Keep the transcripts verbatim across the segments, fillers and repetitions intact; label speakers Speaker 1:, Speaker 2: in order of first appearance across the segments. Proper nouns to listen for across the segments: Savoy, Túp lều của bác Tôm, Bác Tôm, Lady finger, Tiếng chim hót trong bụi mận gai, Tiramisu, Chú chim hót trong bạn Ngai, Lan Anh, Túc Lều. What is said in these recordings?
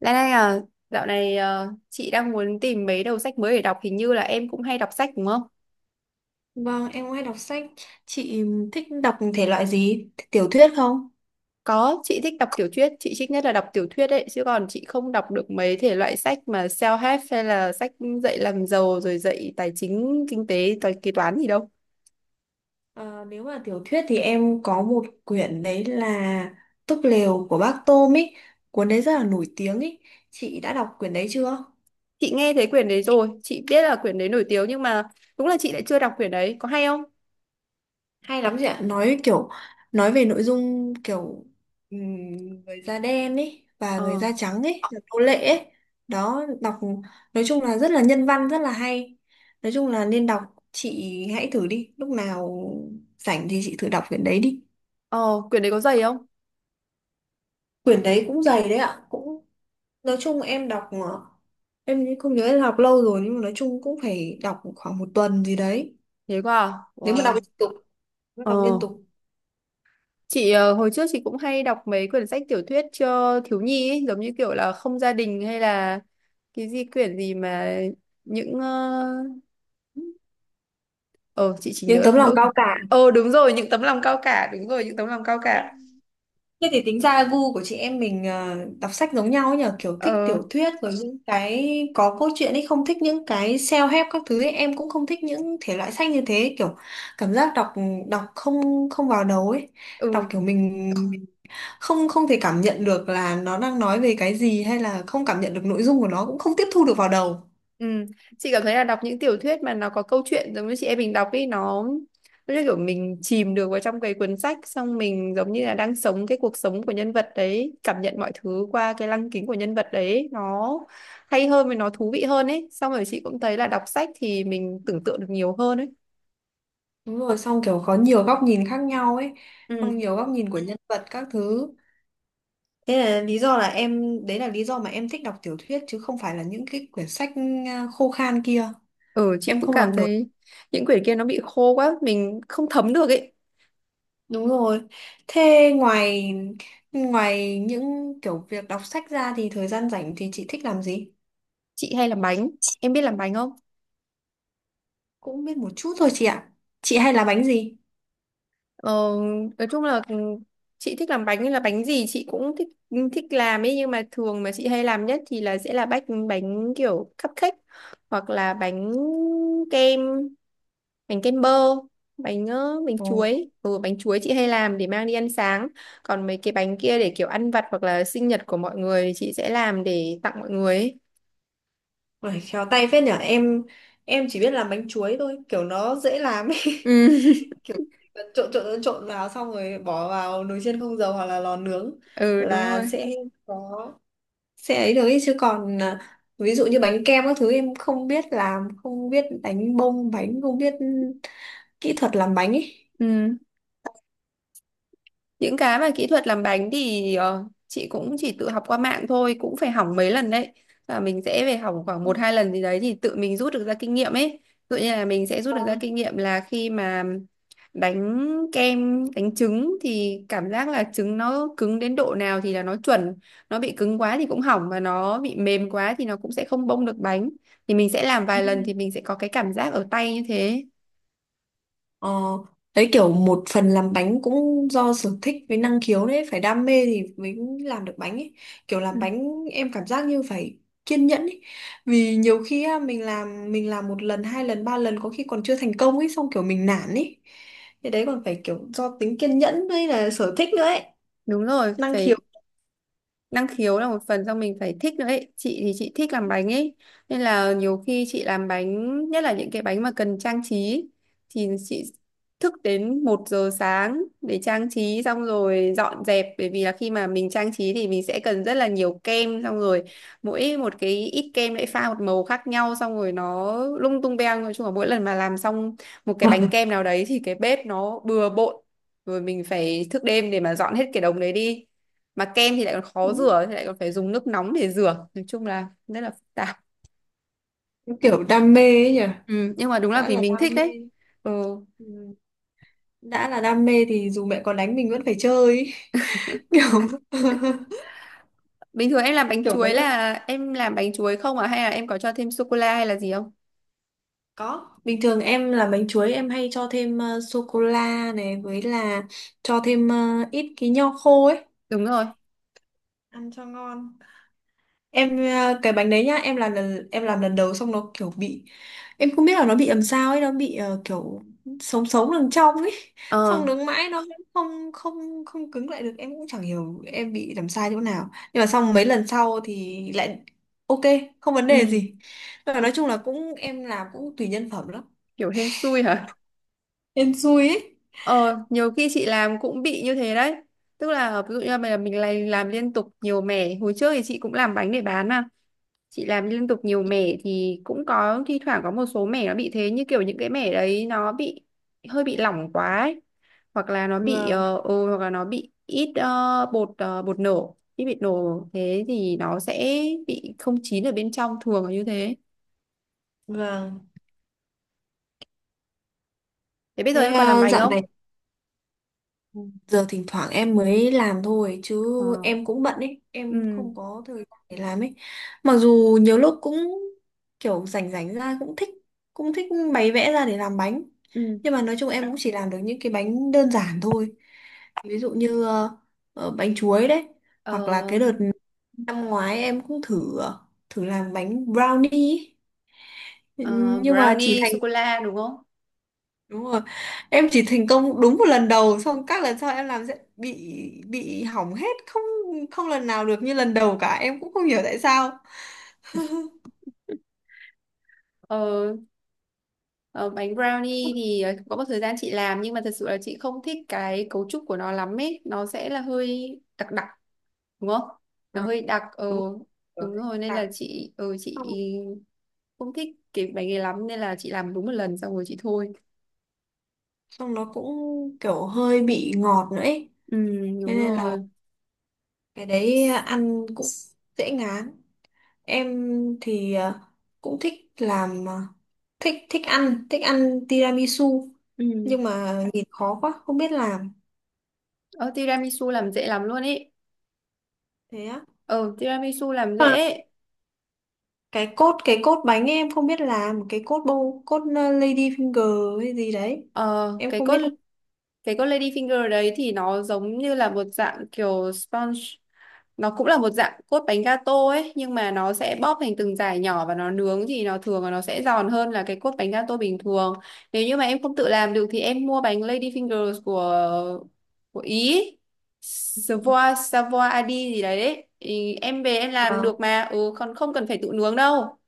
Speaker 1: Lan Anh à, dạo này ờ, chị đang muốn tìm mấy đầu sách mới để đọc, hình như là em cũng hay đọc sách đúng không?
Speaker 2: Vâng, em cũng hay đọc sách. Chị thích đọc thể loại gì? Tiểu thuyết không?
Speaker 1: Có, chị thích đọc tiểu thuyết, chị thích nhất là đọc tiểu thuyết ấy, chứ còn chị không đọc được mấy thể loại sách mà self-help hay là sách dạy làm giàu rồi dạy tài chính, kinh tế, toán kế toán gì đâu.
Speaker 2: Ờ, Nếu mà tiểu thuyết thì em có một quyển đấy là Túp lều của bác Tôm ý. Cuốn đấy rất là nổi tiếng ý. Chị đã đọc quyển đấy chưa?
Speaker 1: Chị nghe thấy quyển đấy rồi, chị biết là quyển đấy nổi tiếng nhưng mà đúng là chị lại chưa đọc quyển đấy, có hay không?
Speaker 2: Hay lắm chị ạ, nói kiểu nói về nội dung kiểu ừm, người da đen ấy và người
Speaker 1: Ờ,
Speaker 2: da trắng ấy, là nô lệ ấy. Đó, đọc nói chung là rất là nhân văn, rất là hay. Nói chung là nên đọc, chị hãy thử đi, lúc nào rảnh thì chị thử đọc quyển đấy đi.
Speaker 1: ờ, Quyển đấy có dày không?
Speaker 2: Quyển đấy cũng dày đấy ạ, cũng nói chung em đọc ờ, em không nhớ, em đọc lâu rồi nhưng mà nói chung cũng phải đọc khoảng một tuần gì đấy.
Speaker 1: Thế quá à?
Speaker 2: Nếu mà đọc
Speaker 1: Wow.
Speaker 2: liên tục, nếu mà
Speaker 1: Ờ.
Speaker 2: đọc liên tục.
Speaker 1: Chị ờ, hồi trước chị cũng hay đọc mấy quyển sách tiểu thuyết cho thiếu nhi ấy, giống như kiểu là Không gia đình hay là cái gì quyển gì mà những ờ ờ, chị chỉ nhớ
Speaker 2: Nhưng
Speaker 1: được
Speaker 2: tấm lòng
Speaker 1: mỗi.
Speaker 2: cao cả.
Speaker 1: Ờ đúng rồi, những tấm lòng cao cả, đúng rồi, những tấm lòng cao cả.
Speaker 2: Thế thì tính ra gu của chị em mình ờ, đọc sách giống nhau ấy nhờ, kiểu thích
Speaker 1: ờ
Speaker 2: tiểu thuyết rồi những cái có câu chuyện ấy, không thích những cái self-help các thứ ấy. Em cũng không thích những thể loại sách như thế, kiểu cảm giác đọc đọc không không vào đầu ấy,
Speaker 1: ừ.
Speaker 2: đọc kiểu mình không không thể cảm nhận được là nó đang nói về cái gì hay là không cảm nhận được nội dung của nó, cũng không tiếp thu được vào đầu.
Speaker 1: Ừ. Chị cảm thấy là đọc những tiểu thuyết mà nó có câu chuyện giống như chị em mình đọc ý, nó nó như kiểu mình chìm được vào trong cái cuốn sách, xong mình giống như là đang sống cái cuộc sống của nhân vật đấy, cảm nhận mọi thứ qua cái lăng kính của nhân vật đấy, nó hay hơn và nó thú vị hơn ấy. Xong rồi chị cũng thấy là đọc sách thì mình tưởng tượng được nhiều hơn ấy.
Speaker 2: Đúng rồi, xong kiểu có nhiều góc nhìn khác nhau ấy,
Speaker 1: Ừ.
Speaker 2: xong nhiều góc nhìn của nhân vật các thứ. Thế là lý do là em, đấy là lý do mà em thích đọc tiểu thuyết chứ không phải là những cái quyển sách à, khô khan kia.
Speaker 1: Ừ, chị
Speaker 2: Em
Speaker 1: cũng
Speaker 2: không đọc
Speaker 1: cảm
Speaker 2: được.
Speaker 1: thấy những quyển kia nó bị khô quá, mình không thấm được ấy.
Speaker 2: Đúng rồi. Thế ngoài ngoài những kiểu việc đọc sách ra thì thời gian rảnh thì chị thích làm gì?
Speaker 1: Chị hay làm bánh. Em biết làm bánh không?
Speaker 2: Cũng biết một chút thôi chị ạ. Chị hay làm bánh gì?
Speaker 1: Ờ, nói chung là ừ, chị thích làm bánh nên là bánh gì chị cũng thích, ừ, thích làm ấy, nhưng mà thường mà chị hay làm nhất thì là sẽ là bánh bánh kiểu cupcake, hoặc là bánh kem, bánh kem bơ, bánh ờ, bánh
Speaker 2: Ồ,
Speaker 1: chuối ừ, bánh chuối chị hay làm để mang đi ăn sáng. Còn mấy cái bánh kia để kiểu ăn vặt hoặc là sinh nhật của mọi người thì chị sẽ làm để tặng mọi người ấy.
Speaker 2: phải khéo tay phết nhở. Em em chỉ biết làm bánh chuối thôi, kiểu nó dễ làm ấy.
Speaker 1: Ừ.
Speaker 2: Trộn trộn trộn trộn vào xong rồi bỏ vào nồi chiên không dầu hoặc là lò nướng
Speaker 1: Ừ, đúng
Speaker 2: là
Speaker 1: rồi.
Speaker 2: sẽ có sẽ ấy được ý. Chứ còn à, ví dụ như bánh kem các thứ em không biết làm, không biết đánh bông bánh, không biết kỹ thuật làm bánh ấy.
Speaker 1: Ừ. Những cái mà kỹ thuật làm bánh thì ờ, chị cũng chỉ tự học qua mạng thôi, cũng phải hỏng mấy lần đấy, và mình sẽ phải hỏng khoảng một hai lần gì đấy thì tự mình rút được ra kinh nghiệm ấy. Tự nhiên là mình sẽ rút được ra
Speaker 2: Vâng.
Speaker 1: kinh nghiệm là khi mà đánh kem, đánh trứng thì cảm giác là trứng nó cứng đến độ nào thì là nó chuẩn, nó bị cứng quá thì cũng hỏng và nó bị mềm quá thì nó cũng sẽ không bông được bánh, thì mình sẽ làm
Speaker 2: Ừ.
Speaker 1: vài lần thì mình sẽ có cái cảm giác ở tay như thế.
Speaker 2: ờ, Đấy kiểu một phần làm bánh cũng do sở thích với năng khiếu đấy, phải đam mê thì mới làm được bánh ấy, kiểu làm
Speaker 1: Ừ,
Speaker 2: bánh em cảm giác như phải kiên nhẫn ấy. Vì nhiều khi á, mình làm mình làm một lần hai lần ba lần có khi còn chưa thành công ấy, xong kiểu mình nản ấy, thế đấy còn phải kiểu do tính kiên nhẫn với là sở thích nữa ấy,
Speaker 1: đúng rồi,
Speaker 2: năng
Speaker 1: phải
Speaker 2: khiếu.
Speaker 1: năng khiếu, là một phần do mình phải thích nữa ấy. Chị thì chị thích làm bánh ấy, nên là nhiều khi chị làm bánh, nhất là những cái bánh mà cần trang trí, thì chị thức đến một giờ sáng để trang trí, xong rồi dọn dẹp, bởi vì là khi mà mình trang trí thì mình sẽ cần rất là nhiều kem. Xong rồi mỗi một cái ít kem lại pha một màu khác nhau, xong rồi nó lung tung beng. Nói chung là mỗi lần mà làm xong một cái bánh kem nào đấy thì cái bếp nó bừa bộn, rồi mình phải thức đêm để mà dọn hết cái đống đấy đi, mà kem thì lại còn khó
Speaker 2: Đúng,
Speaker 1: rửa, thì lại còn phải dùng nước nóng để rửa, nói chung là rất là phức tạp.
Speaker 2: cái kiểu đam mê ấy nhỉ.
Speaker 1: Ừ, nhưng mà đúng là
Speaker 2: Đã
Speaker 1: vì
Speaker 2: là
Speaker 1: mình
Speaker 2: đam
Speaker 1: thích
Speaker 2: mê.
Speaker 1: đấy. Ừ.
Speaker 2: Ừ. Đã là đam mê thì dù mẹ có đánh mình vẫn phải chơi ấy. kiểu
Speaker 1: Bình thường em làm bánh
Speaker 2: kiểu mấy
Speaker 1: chuối
Speaker 2: lần
Speaker 1: là em làm bánh chuối không à, hay là em có cho thêm sô cô la hay là gì không?
Speaker 2: Có, bình thường em làm bánh chuối em hay cho thêm sô cô la này với là cho thêm ờ, ít cái nho khô ấy,
Speaker 1: Đúng rồi.
Speaker 2: ăn cho ngon. Em ờ, cái bánh đấy nhá, em làm lần em làm lần đầu xong nó kiểu bị, em không biết là nó bị làm sao ấy, nó bị ờ, kiểu sống sống đằng trong ấy.
Speaker 1: ờ
Speaker 2: Xong đứng mãi nó cũng không không không cứng lại được. Em cũng chẳng hiểu em bị làm sai chỗ nào. Nhưng mà xong mấy lần sau thì lại ok, không vấn đề
Speaker 1: ừ.
Speaker 2: gì. Nhưng mà nói chung là cũng em làm cũng tùy nhân phẩm lắm.
Speaker 1: Kiểu hên xui hả?
Speaker 2: Em xui ấy.
Speaker 1: ờ Nhiều khi chị làm cũng bị như thế đấy, tức là ví dụ như là mình mình lại làm liên tục nhiều mẻ. Hồi trước thì chị cũng làm bánh để bán mà, chị làm liên tục nhiều mẻ thì cũng có thi thoảng có một số mẻ nó bị thế, như kiểu những cái mẻ đấy nó bị hơi bị lỏng quá ấy, hoặc là nó bị
Speaker 2: Vâng,
Speaker 1: ờ ừ, hoặc là nó bị ít ờ, bột ờ, bột nổ, ít bị nổ thế thì nó sẽ bị không chín ở bên trong, thường là như thế.
Speaker 2: vâng.
Speaker 1: Thế bây giờ
Speaker 2: Thế
Speaker 1: em còn làm
Speaker 2: ờ,
Speaker 1: bánh
Speaker 2: dạo
Speaker 1: không?
Speaker 2: này Giờ thỉnh thoảng em mới làm thôi chứ
Speaker 1: ờ
Speaker 2: em cũng bận ấy, em
Speaker 1: ừ.
Speaker 2: không có thời gian để làm ấy. Mặc dù nhiều lúc cũng kiểu rảnh rảnh ra cũng thích cũng thích bày vẽ ra để làm bánh.
Speaker 1: Ừ.
Speaker 2: Nhưng mà nói chung em cũng chỉ làm được những cái bánh đơn giản thôi. Ví dụ như ờ, ờ, bánh chuối đấy,
Speaker 1: ờ,
Speaker 2: hoặc là cái đợt năm ngoái em cũng thử ờ, thử làm bánh brownie ấy.
Speaker 1: ờ,
Speaker 2: Nhưng mà chỉ
Speaker 1: Brownie
Speaker 2: thành
Speaker 1: sô cô la đúng không?
Speaker 2: Đúng rồi, em chỉ thành công đúng một lần đầu, xong các lần sau em làm sẽ bị bị hỏng hết, không không lần nào được như lần đầu cả, em cũng không hiểu tại sao.
Speaker 1: Ờ, ờ, Bánh brownie thì ờ, có một thời gian chị làm, nhưng mà thật sự là chị không thích cái cấu trúc của nó lắm ấy, nó sẽ là hơi đặc đặc, đúng không? Nó
Speaker 2: Ờ,
Speaker 1: hơi đặc. ờ
Speaker 2: đúng
Speaker 1: Đúng
Speaker 2: rồi.
Speaker 1: rồi, nên
Speaker 2: Đặc.
Speaker 1: là chị ờ chị
Speaker 2: Xong
Speaker 1: không thích cái bánh này lắm, nên là chị làm đúng một lần xong rồi chị thôi.
Speaker 2: xong nó cũng kiểu hơi bị ngọt nữa ấy.
Speaker 1: Ừ,
Speaker 2: Thế
Speaker 1: đúng
Speaker 2: nên là
Speaker 1: rồi.
Speaker 2: cái đấy ăn cũng dễ ngán. Em thì ờ, cũng thích làm ờ, thích thích ăn thích ăn tiramisu nhưng
Speaker 1: Ừ.
Speaker 2: mà nhìn khó quá không biết làm.
Speaker 1: ờ Tiramisu làm dễ lắm luôn ấy.
Speaker 2: Thế
Speaker 1: ờ Tiramisu làm
Speaker 2: á?
Speaker 1: dễ.
Speaker 2: Cái cốt cái cốt bánh ấy, em không biết làm cái cốt bông cốt ờ, lady finger hay gì đấy,
Speaker 1: ờ
Speaker 2: em
Speaker 1: cái
Speaker 2: không
Speaker 1: con
Speaker 2: biết là.
Speaker 1: cái con lady finger đấy thì nó giống như là một dạng kiểu sponge, nó cũng là một dạng cốt bánh gato ấy, nhưng mà nó sẽ bóp thành từng dải nhỏ và nó nướng thì nó thường là nó sẽ giòn hơn là cái cốt bánh gato bình thường. Nếu như mà em không tự làm được thì em mua bánh Lady Fingers của của Ý, Savoy, Savoy Adi gì đấy, đấy. Thì em về em làm
Speaker 2: Vâng.
Speaker 1: được mà, ừ, còn không cần phải tự nướng đâu,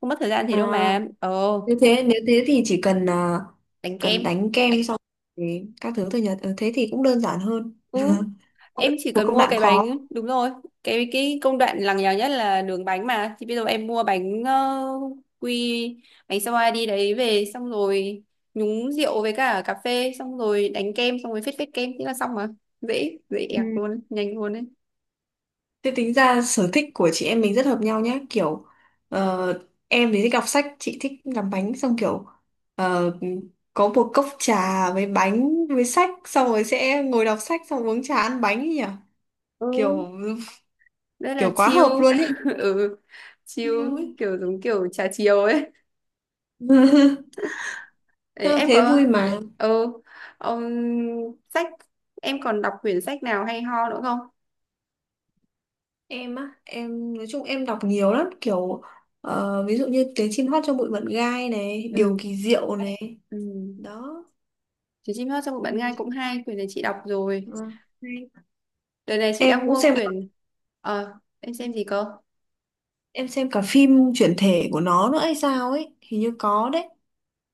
Speaker 1: không mất thời gian thì đâu
Speaker 2: à
Speaker 1: mà. ờ
Speaker 2: Như thế, nếu thế thì chỉ cần ờ,
Speaker 1: Đánh kem.
Speaker 2: cần đánh kem xong thì các thứ thôi nhật. Ờ, thế thì cũng đơn giản hơn.
Speaker 1: Ừ. Em chỉ
Speaker 2: Một
Speaker 1: cần
Speaker 2: công
Speaker 1: mua
Speaker 2: đoạn
Speaker 1: cái bánh.
Speaker 2: khó.
Speaker 1: Đúng rồi, cái cái công đoạn lằng nhằng nhất là đường bánh mà, thì bây giờ em mua bánh ờ, quy, bánh sao đi đấy về, xong rồi nhúng rượu với cả cà phê, xong rồi đánh kem, xong rồi phết phết kem, thế là xong mà, dễ dễ ẹc
Speaker 2: Ừ.
Speaker 1: luôn, nhanh luôn đấy.
Speaker 2: Thế tính ra sở thích của chị em mình rất hợp nhau nhá, kiểu ờ, em thì thích đọc sách, chị thích làm bánh, xong kiểu ờ, có một cốc trà với bánh với sách, xong rồi sẽ ngồi đọc sách, xong uống trà ăn bánh ấy nhỉ,
Speaker 1: Ừ,
Speaker 2: kiểu
Speaker 1: rất là
Speaker 2: kiểu quá
Speaker 1: chill.
Speaker 2: hợp luôn ấy.
Speaker 1: Ừ, chill,
Speaker 2: Yêu ấy.
Speaker 1: kiểu giống kiểu trà chiều ấy. Đấy,
Speaker 2: Ờ,
Speaker 1: em
Speaker 2: thế
Speaker 1: có.
Speaker 2: vui mà.
Speaker 1: Ừ ông sách Em còn đọc quyển sách nào hay ho nữa không?
Speaker 2: Em á Em nói chung em đọc nhiều lắm, kiểu ờ, ví dụ như tiếng chim hót trong bụi mận gai này, điều
Speaker 1: Ừ.
Speaker 2: kỳ diệu này,
Speaker 1: Ừ.
Speaker 2: đó.
Speaker 1: Chú chim hót trong
Speaker 2: Ừ,
Speaker 1: bạn Ngai cũng hay, quyển này chị đọc rồi.
Speaker 2: ờ, hay.
Speaker 1: Đợt này chị đang
Speaker 2: Em cũng
Speaker 1: mua
Speaker 2: xem
Speaker 1: quyển. ờ em xem gì cơ?
Speaker 2: em xem cả phim chuyển thể của nó nữa hay sao ấy, hình như có đấy.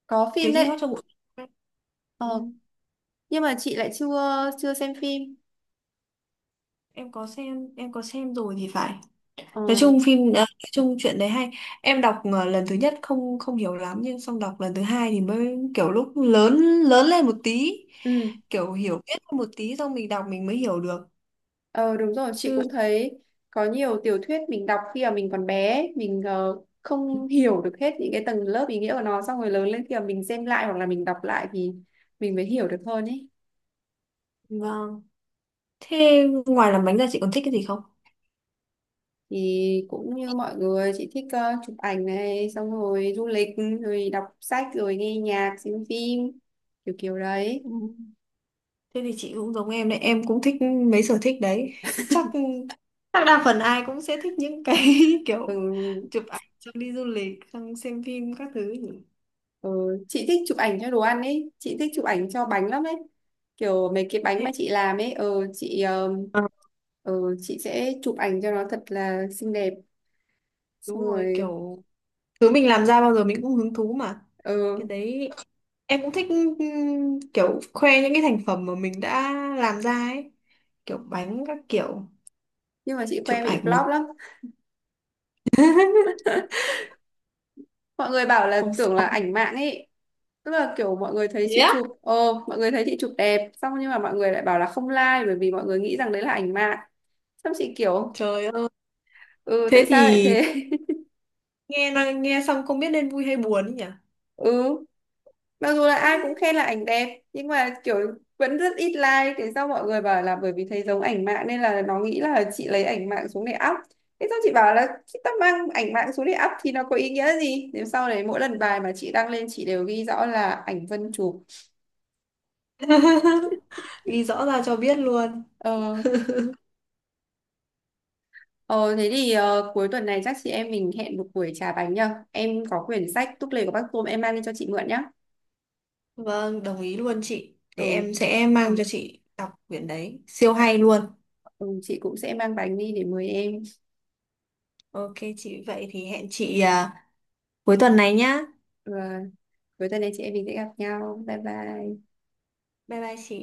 Speaker 1: Có phim
Speaker 2: Tiếng chim hót
Speaker 1: đấy.
Speaker 2: trong bụi Mận Gai. Ừ,
Speaker 1: ờ nhưng mà chị lại chưa chưa xem phim.
Speaker 2: em có xem em có xem rồi thì phải.
Speaker 1: ờ
Speaker 2: Nói chung phim à, nói chung chuyện đấy hay, em đọc à, lần thứ nhất không không hiểu lắm, nhưng xong đọc lần thứ hai thì mới kiểu lúc lớn lớn lên một tí,
Speaker 1: ừ.
Speaker 2: kiểu hiểu biết hơn một tí, xong mình đọc mình mới hiểu được
Speaker 1: ờ Đúng rồi, chị
Speaker 2: chứ.
Speaker 1: cũng thấy có nhiều tiểu thuyết mình đọc khi mà mình còn bé ấy, mình ờ, không hiểu được hết những cái tầng lớp ý nghĩa của nó, xong rồi lớn lên khi mà mình xem lại hoặc là mình đọc lại thì mình mới hiểu được hơn ấy.
Speaker 2: Vâng. Thế ngoài làm bánh ra chị còn thích cái gì không?
Speaker 1: Thì cũng như mọi người, chị thích ờ, chụp ảnh này, xong rồi du lịch, rồi đọc sách, rồi nghe nhạc, xem phim, kiểu kiểu đấy.
Speaker 2: Ừ. Thế thì chị cũng giống em đấy, em cũng thích mấy sở thích đấy, chắc chắc đa phần ai cũng sẽ thích những cái
Speaker 1: Ừ.
Speaker 2: kiểu chụp ảnh, xong đi du lịch, xong xem phim các thứ nhỉ.
Speaker 1: Ừ. Chị thích chụp ảnh cho đồ ăn ấy, chị thích chụp ảnh cho bánh lắm ấy, kiểu mấy cái bánh mà
Speaker 2: Thế-
Speaker 1: chị làm ấy, ừ, chị ờ,
Speaker 2: Ờ,
Speaker 1: ừ, chị sẽ chụp ảnh cho nó thật là xinh đẹp xong
Speaker 2: đúng rồi,
Speaker 1: rồi.
Speaker 2: kiểu thứ mình làm ra bao giờ mình cũng hứng thú mà, cái
Speaker 1: Ừ.
Speaker 2: đấy em cũng thích ừm, kiểu khoe những cái thành phẩm mà mình đã làm ra ấy, kiểu bánh các kiểu,
Speaker 1: Nhưng mà chị
Speaker 2: chụp
Speaker 1: khoe bị
Speaker 2: ảnh mà.
Speaker 1: flop lắm, mọi người bảo là
Speaker 2: Không
Speaker 1: tưởng là
Speaker 2: sao.
Speaker 1: ảnh mạng ấy, tức là kiểu mọi người thấy
Speaker 2: Thế
Speaker 1: chị
Speaker 2: á?
Speaker 1: chụp ờ mọi người thấy chị chụp đẹp xong, nhưng mà mọi người lại bảo là không like, bởi vì mọi người nghĩ rằng đấy là ảnh mạng. Xong chị kiểu,
Speaker 2: Trời ơi.
Speaker 1: ừ,
Speaker 2: Thế
Speaker 1: tại sao lại
Speaker 2: thì
Speaker 1: thế?
Speaker 2: nghe nói- nghe xong không biết nên vui hay buồn ấy nhỉ.
Speaker 1: Ừ, mặc dù là ai cũng khen là ảnh đẹp nhưng mà kiểu vẫn rất ít like. Thế sau mọi người bảo là bởi vì thấy giống ảnh mạng nên là nó nghĩ là chị lấy ảnh mạng xuống để up, thế xong chị bảo là chị ta mang ảnh mạng xuống để up thì nó có ý nghĩa gì, nếu sau đấy mỗi lần bài mà chị đăng lên chị đều ghi rõ là ảnh Vân chụp.
Speaker 2: Ghi rõ ra cho biết luôn.
Speaker 1: Ờ, Ờ, thế thì ờ, cuối tuần này chắc chị em mình hẹn một buổi trà bánh nhá. Em có quyển sách Túc Lều của Bác Tôm em mang đi cho chị mượn nhá.
Speaker 2: Vâng, đồng ý luôn chị, để em
Speaker 1: Ừ,
Speaker 2: sẽ mang cho chị đọc quyển đấy siêu hay luôn.
Speaker 1: ừ, chị cũng sẽ mang bánh đi để mời em.
Speaker 2: Ok chị, vậy thì hẹn chị à, cuối tuần này nhá.
Speaker 1: Ừ, cuối tuần này chị em mình sẽ gặp nhau. Bye bye.
Speaker 2: Bye bye chị.